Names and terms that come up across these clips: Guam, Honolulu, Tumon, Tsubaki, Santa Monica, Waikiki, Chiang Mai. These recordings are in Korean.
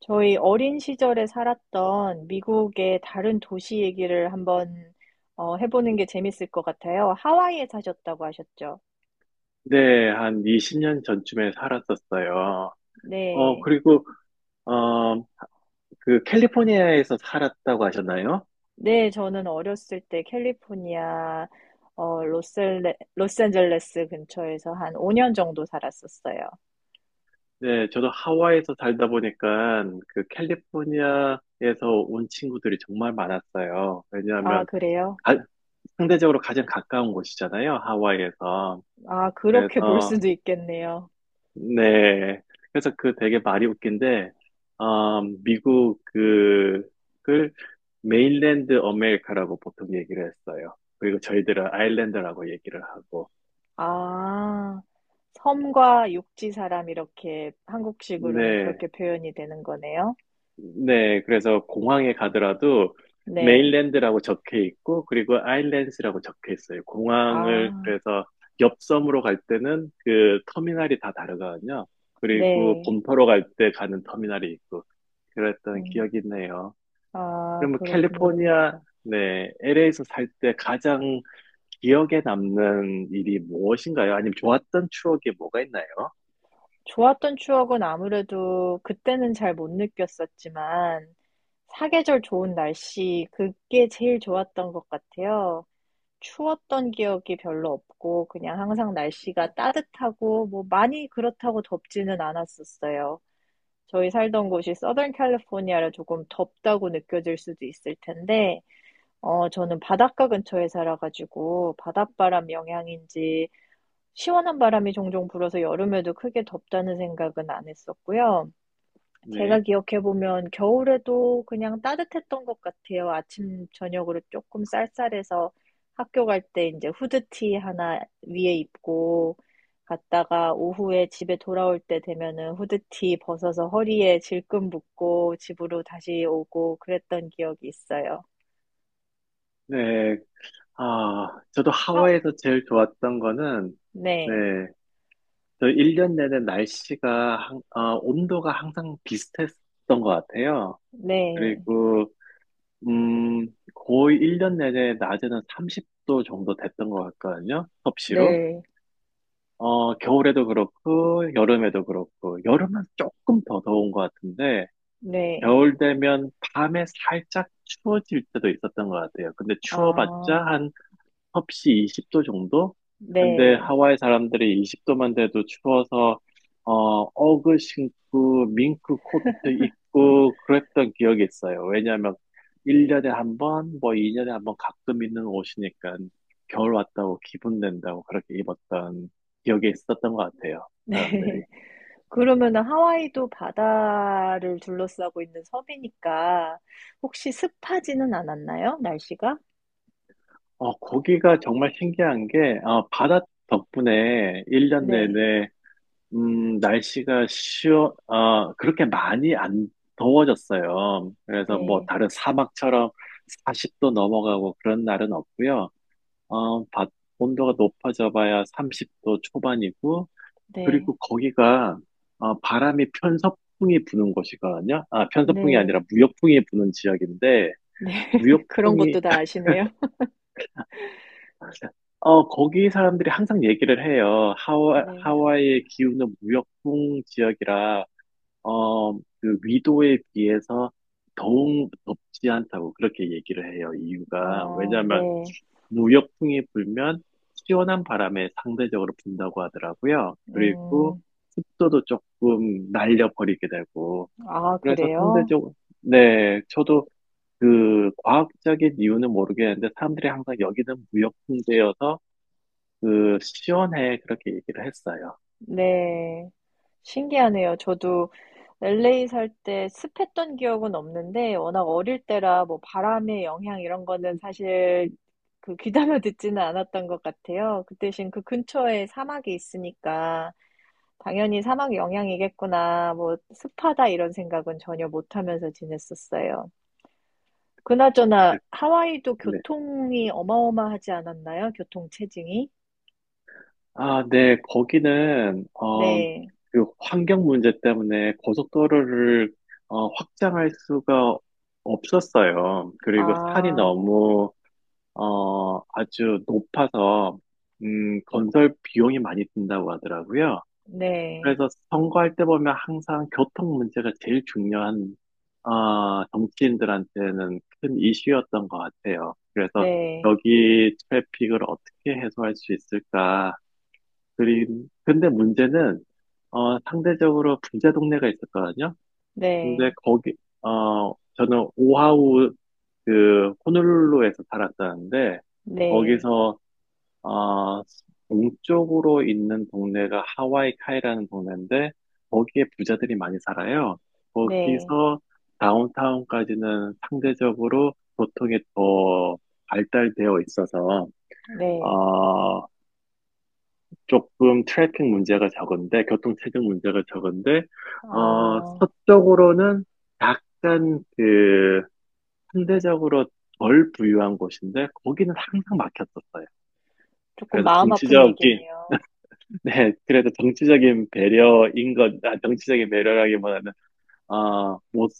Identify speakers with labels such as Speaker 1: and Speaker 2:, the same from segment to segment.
Speaker 1: 저희 어린 시절에 살았던 미국의 다른 도시 얘기를 한번 해보는 게 재밌을 것 같아요. 하와이에 사셨다고 하셨죠?
Speaker 2: 네, 한 20년 전쯤에 살았었어요. 어,
Speaker 1: 네.
Speaker 2: 그리고, 어, 그 캘리포니아에서 살았다고 하셨나요?
Speaker 1: 네, 저는 어렸을 때 캘리포니아, 로스앤젤레스 근처에서 한 5년 정도 살았었어요.
Speaker 2: 네, 저도 하와이에서 살다 보니까 그 캘리포니아에서 온 친구들이 정말 많았어요.
Speaker 1: 아,
Speaker 2: 왜냐하면
Speaker 1: 그래요?
Speaker 2: 가- 상대적으로 가장 가까운 곳이잖아요, 하와이에서.
Speaker 1: 아, 그렇게 볼
Speaker 2: 그래서
Speaker 1: 수도 있겠네요.
Speaker 2: 네. 그래서 그 되게 말이 웃긴데, 아, 미국 그, 을 메인랜드 어메리카라고 보통 얘기를 했어요. 그리고 저희들은 아일랜드라고 얘기를 하고.
Speaker 1: 아, 섬과 육지 사람 이렇게 한국식으로는
Speaker 2: 네.
Speaker 1: 그렇게 표현이 되는 거네요.
Speaker 2: 네. 그래서 공항에 가더라도
Speaker 1: 네.
Speaker 2: 메인랜드라고 적혀 있고, 그리고 아일랜드라고 적혀 있어요. 공항을,
Speaker 1: 아,
Speaker 2: 그래서 옆섬으로 갈 때는 그 터미널이 다 다르거든요. 그리고
Speaker 1: 네.
Speaker 2: 본토로 갈 때 가는 터미널이 있고, 그랬던
Speaker 1: 음.
Speaker 2: 기억이 있네요.
Speaker 1: 아,
Speaker 2: 그러면
Speaker 1: 그렇군요.
Speaker 2: 캘리포니아, 네, LA에서 살 때 가장 기억에 남는 일이 무엇인가요? 아니면 좋았던 추억이 뭐가 있나요?
Speaker 1: 좋았던 추억은 아무래도 그때는 잘 못 느꼈었지만, 사계절 좋은 날씨, 그게 제일 좋았던 것 같아요. 추웠던 기억이 별로 없고, 그냥 항상 날씨가 따뜻하고, 뭐 많이 그렇다고 덥지는 않았었어요. 저희 살던 곳이 서던 캘리포니아라 조금 덥다고 느껴질 수도 있을 텐데, 저는 바닷가 근처에 살아가지고, 바닷바람 영향인지, 시원한 바람이 종종 불어서 여름에도 크게 덥다는 생각은 안 했었고요. 제가
Speaker 2: 네,
Speaker 1: 기억해보면 겨울에도 그냥 따뜻했던 것 같아요. 아침, 저녁으로 조금 쌀쌀해서 학교 갈 때 이제 후드티 하나 위에 입고 갔다가 오후에 집에 돌아올 때 되면은 후드티 벗어서 허리에 질끈 묶고 집으로 다시 오고 그랬던 기억이 있어요.
Speaker 2: 네, 아, 저도
Speaker 1: 아,
Speaker 2: 하와이에서 제일 좋았던 거는, 네,
Speaker 1: 네,
Speaker 2: 저 1년 내내 날씨가, 온도가 항상 비슷했던 것 같아요.
Speaker 1: 네,
Speaker 2: 그리고, 음, 거의 1년 내내 낮에는 30도 정도 됐던 것 같거든요. 섭씨로.
Speaker 1: 네,
Speaker 2: 어, 겨울에도 그렇고, 여름에도 그렇고, 여름은 조금 더 더운 것 같은데,
Speaker 1: 네,
Speaker 2: 겨울 되면 밤에 살짝 추워질 때도 있었던 것 같아요. 근데 추워봤자
Speaker 1: 아,
Speaker 2: 한 섭씨 20도 정도? 근데
Speaker 1: 네.
Speaker 2: 하와이 사람들이 20도만 돼도 추워서 어, 어그 신고 밍크 코트 입고 그랬던 기억이 있어요. 왜냐하면 1년에 한 번, 뭐 2년에 한번 가끔 입는 옷이니까 겨울 왔다고 기분 낸다고 그렇게 입었던 기억이 있었던 것 같아요.
Speaker 1: 네.
Speaker 2: 사람들이.
Speaker 1: 그러면은 하와이도 바다를 둘러싸고 있는 섬이니까 혹시 습하지는 않았나요? 날씨가?
Speaker 2: 어, 거기가 정말 신기한 게 바다 덕분에 1년
Speaker 1: 네.
Speaker 2: 내내 음, 날씨가 시원, 어, 그렇게 많이 안 더워졌어요. 그래서 뭐
Speaker 1: 네.
Speaker 2: 다른 사막처럼 40도 넘어가고 그런 날은 없고요. 어, 바- 온도가 높아져 봐야 30도 초반이고,
Speaker 1: 네.
Speaker 2: 그리고 거기가 바람이 편서풍이 부는 곳이거든요. 아, 편서풍이
Speaker 1: 네.
Speaker 2: 아니라 무역풍이 부는 지역인데,
Speaker 1: 네. 그런
Speaker 2: 무역풍이,
Speaker 1: 것도 다 아시네요.
Speaker 2: 어, 거기 사람들이 항상 얘기를 해요.
Speaker 1: 네.
Speaker 2: 하와이의 기후는 무역풍 지역이라 그 위도에 비해서 더욱 덥지 않다고 그렇게 얘기를 해요. 이유가
Speaker 1: 아,
Speaker 2: 왜냐하면
Speaker 1: 네.
Speaker 2: 무역풍이 불면 시원한 바람에 상대적으로 분다고 하더라고요. 그리고
Speaker 1: 음,
Speaker 2: 습도도 조금 날려버리게 되고
Speaker 1: 아,
Speaker 2: 그래서
Speaker 1: 그래요?
Speaker 2: 상대적으로 네, 저도 그 과학적인 이유는 모르겠는데 사람들이 항상 여기는 무역풍제여서 그 시원해 그렇게 얘기를 했어요.
Speaker 1: 네. 신기하네요. 저도 LA 살 때 습했던 기억은 없는데 워낙 어릴 때라 뭐 바람의 영향 이런 거는 사실 그 귀담아 듣지는 않았던 것 같아요. 그 대신 그 근처에 사막이 있으니까 당연히 사막 영향이겠구나. 뭐 습하다 이런 생각은 전혀 못 하면서 지냈었어요. 그나저나 하와이도
Speaker 2: 네,
Speaker 1: 교통이 어마어마하지 않았나요? 교통 체증이?
Speaker 2: 아, 네, 거기는,
Speaker 1: 네.
Speaker 2: 그 환경 문제 때문에 고속도로를, 확장할 수가 없었어요. 그리고 산이
Speaker 1: 아,
Speaker 2: 너무, 아주 높아서, 건설 비용이 많이 든다고 하더라고요.
Speaker 1: 네.
Speaker 2: 그래서 선거할 때 보면 항상 교통 문제가 제일 중요한, 아, 정치인들한테는 큰 이슈였던 것 같아요. 그래서
Speaker 1: 네.
Speaker 2: 여기 트래픽을 어떻게 해소할 수 있을까, 그림. 근데 문제는, 상대적으로 부자 동네가 있었거든요. 근데
Speaker 1: 네.
Speaker 2: 거기, 저는 오하우, 그, 호놀룰루에서 살았었는데,
Speaker 1: 네.
Speaker 2: 거기서, 어, 동쪽으로 있는 동네가 하와이 카이라는 동네인데, 거기에 부자들이 많이 살아요.
Speaker 1: 네,
Speaker 2: 거기서 다운타운까지는 상대적으로 교통이 더 발달되어 있어서,
Speaker 1: 네.
Speaker 2: 어, 조금 트래픽 문제가 적은데, 교통체증 문제가 적은데,
Speaker 1: 아,
Speaker 2: 서쪽으로는 약간 그, 상대적으로 덜 부유한 곳인데, 거기는 항상 막혔었어요.
Speaker 1: 조금
Speaker 2: 그래서
Speaker 1: 마음 아픈
Speaker 2: 정치적인,
Speaker 1: 얘기네요.
Speaker 2: 네, 그래서 정치적인 배려인 것, 아, 정치적인 배려라기보다는, 어, 못,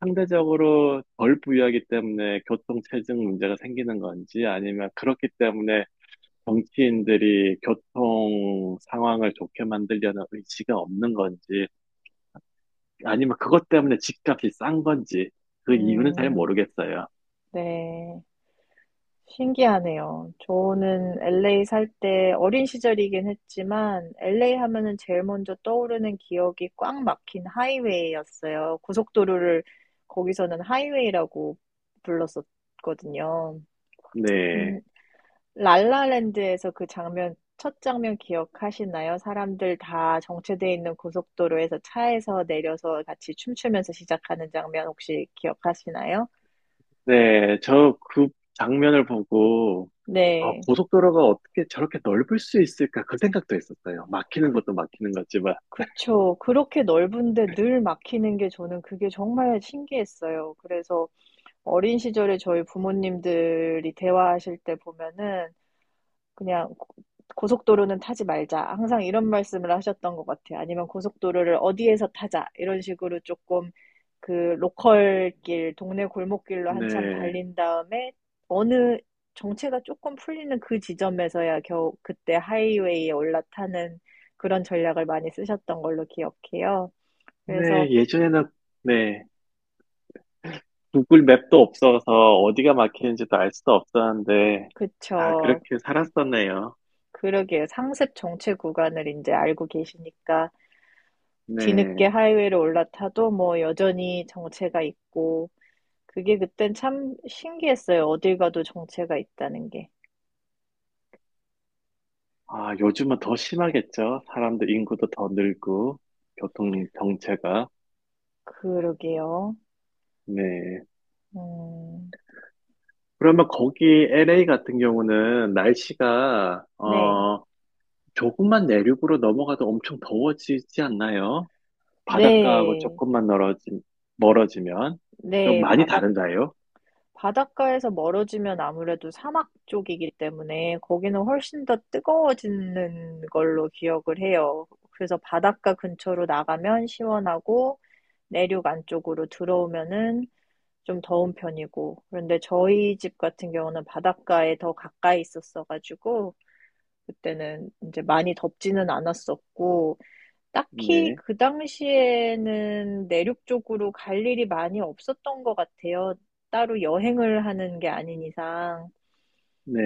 Speaker 2: 상대적으로 덜 부유하기 때문에 교통체증 문제가 생기는 건지, 아니면 그렇기 때문에 정치인들이 교통 상황을 좋게 만들려는 의지가 없는 건지, 아니면 그것 때문에 집값이 싼 건지, 그 이유는 잘
Speaker 1: 음,
Speaker 2: 모르겠어요.
Speaker 1: 네. 신기하네요. 저는 LA 살 때 어린 시절이긴 했지만 LA 하면은 제일 먼저 떠오르는 기억이 꽉 막힌 하이웨이였어요. 고속도로를 거기서는 하이웨이라고 불렀었거든요. 음,
Speaker 2: 네.
Speaker 1: 랄라랜드에서 그 장면, 첫 장면 기억하시나요? 사람들 다 정체돼 있는 고속도로에서 차에서 내려서 같이 춤추면서 시작하는 장면 혹시 기억하시나요?
Speaker 2: 네. 저 그 장면을 보고, 어,
Speaker 1: 네.
Speaker 2: 고속도로가 어떻게 저렇게 넓을 수 있을까? 그 생각도 했었어요. 막히는
Speaker 1: 그,
Speaker 2: 것도 막히는 거지만.
Speaker 1: 그쵸. 그렇게 넓은데 늘 막히는 게 저는 그게 정말 신기했어요. 그래서 어린 시절에 저희 부모님들이 대화하실 때 보면은 그냥 고- 고속도로는 타지 말자. 항상 이런 말씀을 하셨던 것 같아요. 아니면 고속도로를 어디에서 타자. 이런 식으로 조금 그 로컬길, 동네 골목길로 한참
Speaker 2: 네.
Speaker 1: 달린 다음에 어느 정체가 조금 풀리는 그 지점에서야 겨우 그때 하이웨이에 올라타는 그런 전략을 많이 쓰셨던 걸로 기억해요. 그래서
Speaker 2: 네. 예전에는, 네. 구글 맵도 없어서 어디가 막히는지도 알 수도 없었는데, 다
Speaker 1: 그쵸.
Speaker 2: 그렇게 살았었네요.
Speaker 1: 그러게요. 상습 정체 구간을 이제 알고 계시니까 뒤늦게
Speaker 2: 네.
Speaker 1: 하이웨이를 올라타도 뭐 여전히 정체가 있고 그게 그땐 참 신기했어요. 어딜 가도 정체가 있다는 게.
Speaker 2: 아, 요즘은 더 심하겠죠. 사람들 인구도 더 늘고, 교통 정체가.
Speaker 1: 그러게요.
Speaker 2: 네.
Speaker 1: 음,
Speaker 2: 그러면 거기 LA 같은 경우는 날씨가,
Speaker 1: 네.
Speaker 2: 조금만 내륙으로 넘어가도 엄청 더워지지 않나요? 바닷가하고
Speaker 1: 네,
Speaker 2: 조금만 멀어지, 멀어지면 좀
Speaker 1: 네,
Speaker 2: 많이 다른가요?
Speaker 1: 바닷가에서 멀어지면 아무래도 사막 쪽이기 때문에 거기는 훨씬 더 뜨거워지는 걸로 기억을 해요. 그래서 바닷가 근처로 나가면 시원하고 내륙 안쪽으로 들어오면은 좀 더운 편이고. 그런데 저희 집 같은 경우는 바닷가에 더 가까이 있었어가지고 그때는 이제 많이 덥지는 않았었고 딱히
Speaker 2: 네.
Speaker 1: 그 당시에는 내륙 쪽으로 갈 일이 많이 없었던 것 같아요. 따로 여행을 하는 게 아닌 이상.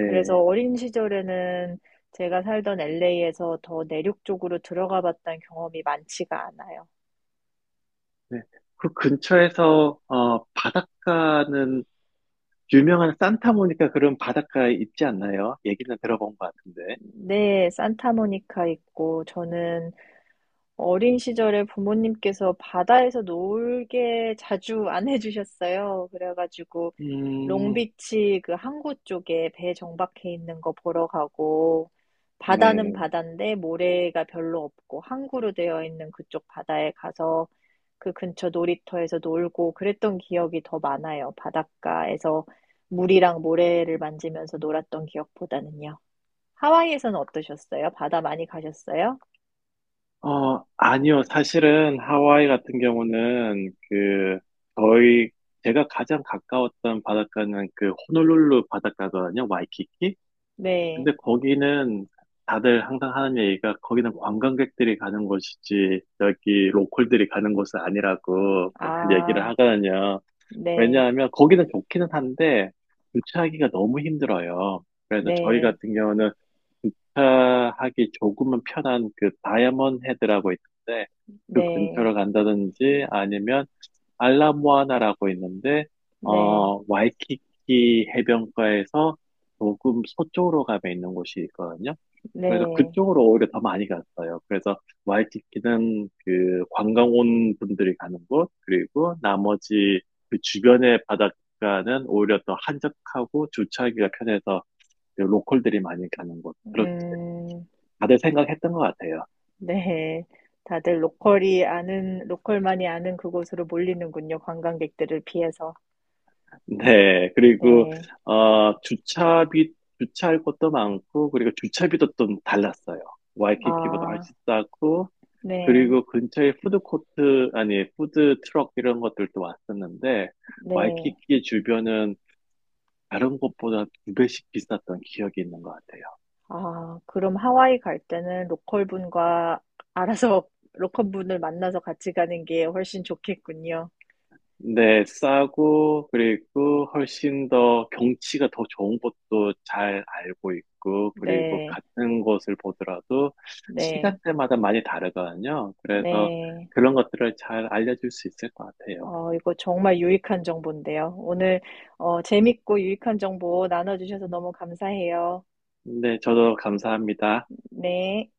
Speaker 1: 그래서 어린 시절에는 제가 살던 LA에서 더 내륙 쪽으로 들어가 봤던 경험이 많지가 않아요.
Speaker 2: 네. 그 근처에서, 바닷가는 유명한 산타모니카 그런 바닷가에 있지 않나요? 얘기는 들어본 것 같은데.
Speaker 1: 네, 산타모니카 있고, 저는 어린 시절에 부모님께서 바다에서 놀게 자주 안 해주셨어요. 그래가지고
Speaker 2: 음,
Speaker 1: 롱비치 그 항구 쪽에 배 정박해 있는 거 보러 가고 바다는
Speaker 2: 네.
Speaker 1: 바다인데 모래가 별로 없고 항구로 되어 있는 그쪽 바다에 가서 그 근처 놀이터에서 놀고 그랬던 기억이 더 많아요. 바닷가에서 물이랑 모래를 만지면서 놀았던 기억보다는요. 하와이에서는 어떠셨어요? 바다 많이 가셨어요?
Speaker 2: 어, 아니요. 사실은 하와이 같은 경우는 그 저희 제가 가장 가까웠던 바닷가는 그 호놀룰루 바닷가거든요. 와이키키.
Speaker 1: 네.
Speaker 2: 근데 거기는 다들 항상 하는 얘기가 거기는 관광객들이 가는 곳이지 여기 로컬들이 가는 곳은 아니라고 맨날 얘기를
Speaker 1: 아.
Speaker 2: 하거든요.
Speaker 1: 네,
Speaker 2: 왜냐하면 거기는 좋기는 한데 주차하기가 너무 힘들어요. 그래서 저희
Speaker 1: 네,
Speaker 2: 같은 경우는 주차 하기 조금은 편한 그 다이아몬드 헤드라고 있는데 그
Speaker 1: 네,
Speaker 2: 근처로 간다든지 아니면 알라모아나라고 있는데
Speaker 1: 네,
Speaker 2: 어 와이키키 해변가에서 조금 서쪽으로 가면 있는 곳이 있거든요. 그래서
Speaker 1: 네,
Speaker 2: 그쪽으로 오히려 더 많이 갔어요. 그래서 와이키키는 그 관광 온 분들이 가는 곳, 그리고 나머지 그 주변의 바닷가는 오히려 더 한적하고 주차하기가 편해서 그 로컬들이 많이 가는 곳.
Speaker 1: 음,
Speaker 2: 다들 생각했던 것 같아요.
Speaker 1: 네. 다들 로컬이 아는, 로컬만이 아는 그곳으로 몰리는군요. 관광객들을 피해서.
Speaker 2: 네, 그리고
Speaker 1: 네.
Speaker 2: 어, 주차비 주차할 것도 많고 그리고 주차비도 좀 달랐어요. 와이키키보다
Speaker 1: 아,
Speaker 2: 훨씬 싸고
Speaker 1: 네,
Speaker 2: 그리고 근처에 푸드코트 아니 푸드 트럭 이런 것들도 왔었는데
Speaker 1: 네.
Speaker 2: 와이키키 주변은 다른 곳보다 2배씩 비쌌던 기억이 있는 것 같아요.
Speaker 1: 아, 그럼 하와이 갈 때는 로컬 분과 알아서 로컬 분을 만나서 같이 가는 게 훨씬 좋겠군요.
Speaker 2: 네, 싸고, 그리고 훨씬 더 경치가 더 좋은 곳도 잘 알고 있고, 그리고
Speaker 1: 네,
Speaker 2: 같은 곳을 보더라도
Speaker 1: 네,
Speaker 2: 시간대마다 많이 다르거든요. 그래서
Speaker 1: 네.
Speaker 2: 그런 것들을 잘 알려줄 수 있을 것 같아요.
Speaker 1: 어, 이거 정말 유익한 정보인데요. 오늘, 재밌고 유익한 정보 나눠주셔서 너무 감사해요.
Speaker 2: 네, 저도 감사합니다.
Speaker 1: 네.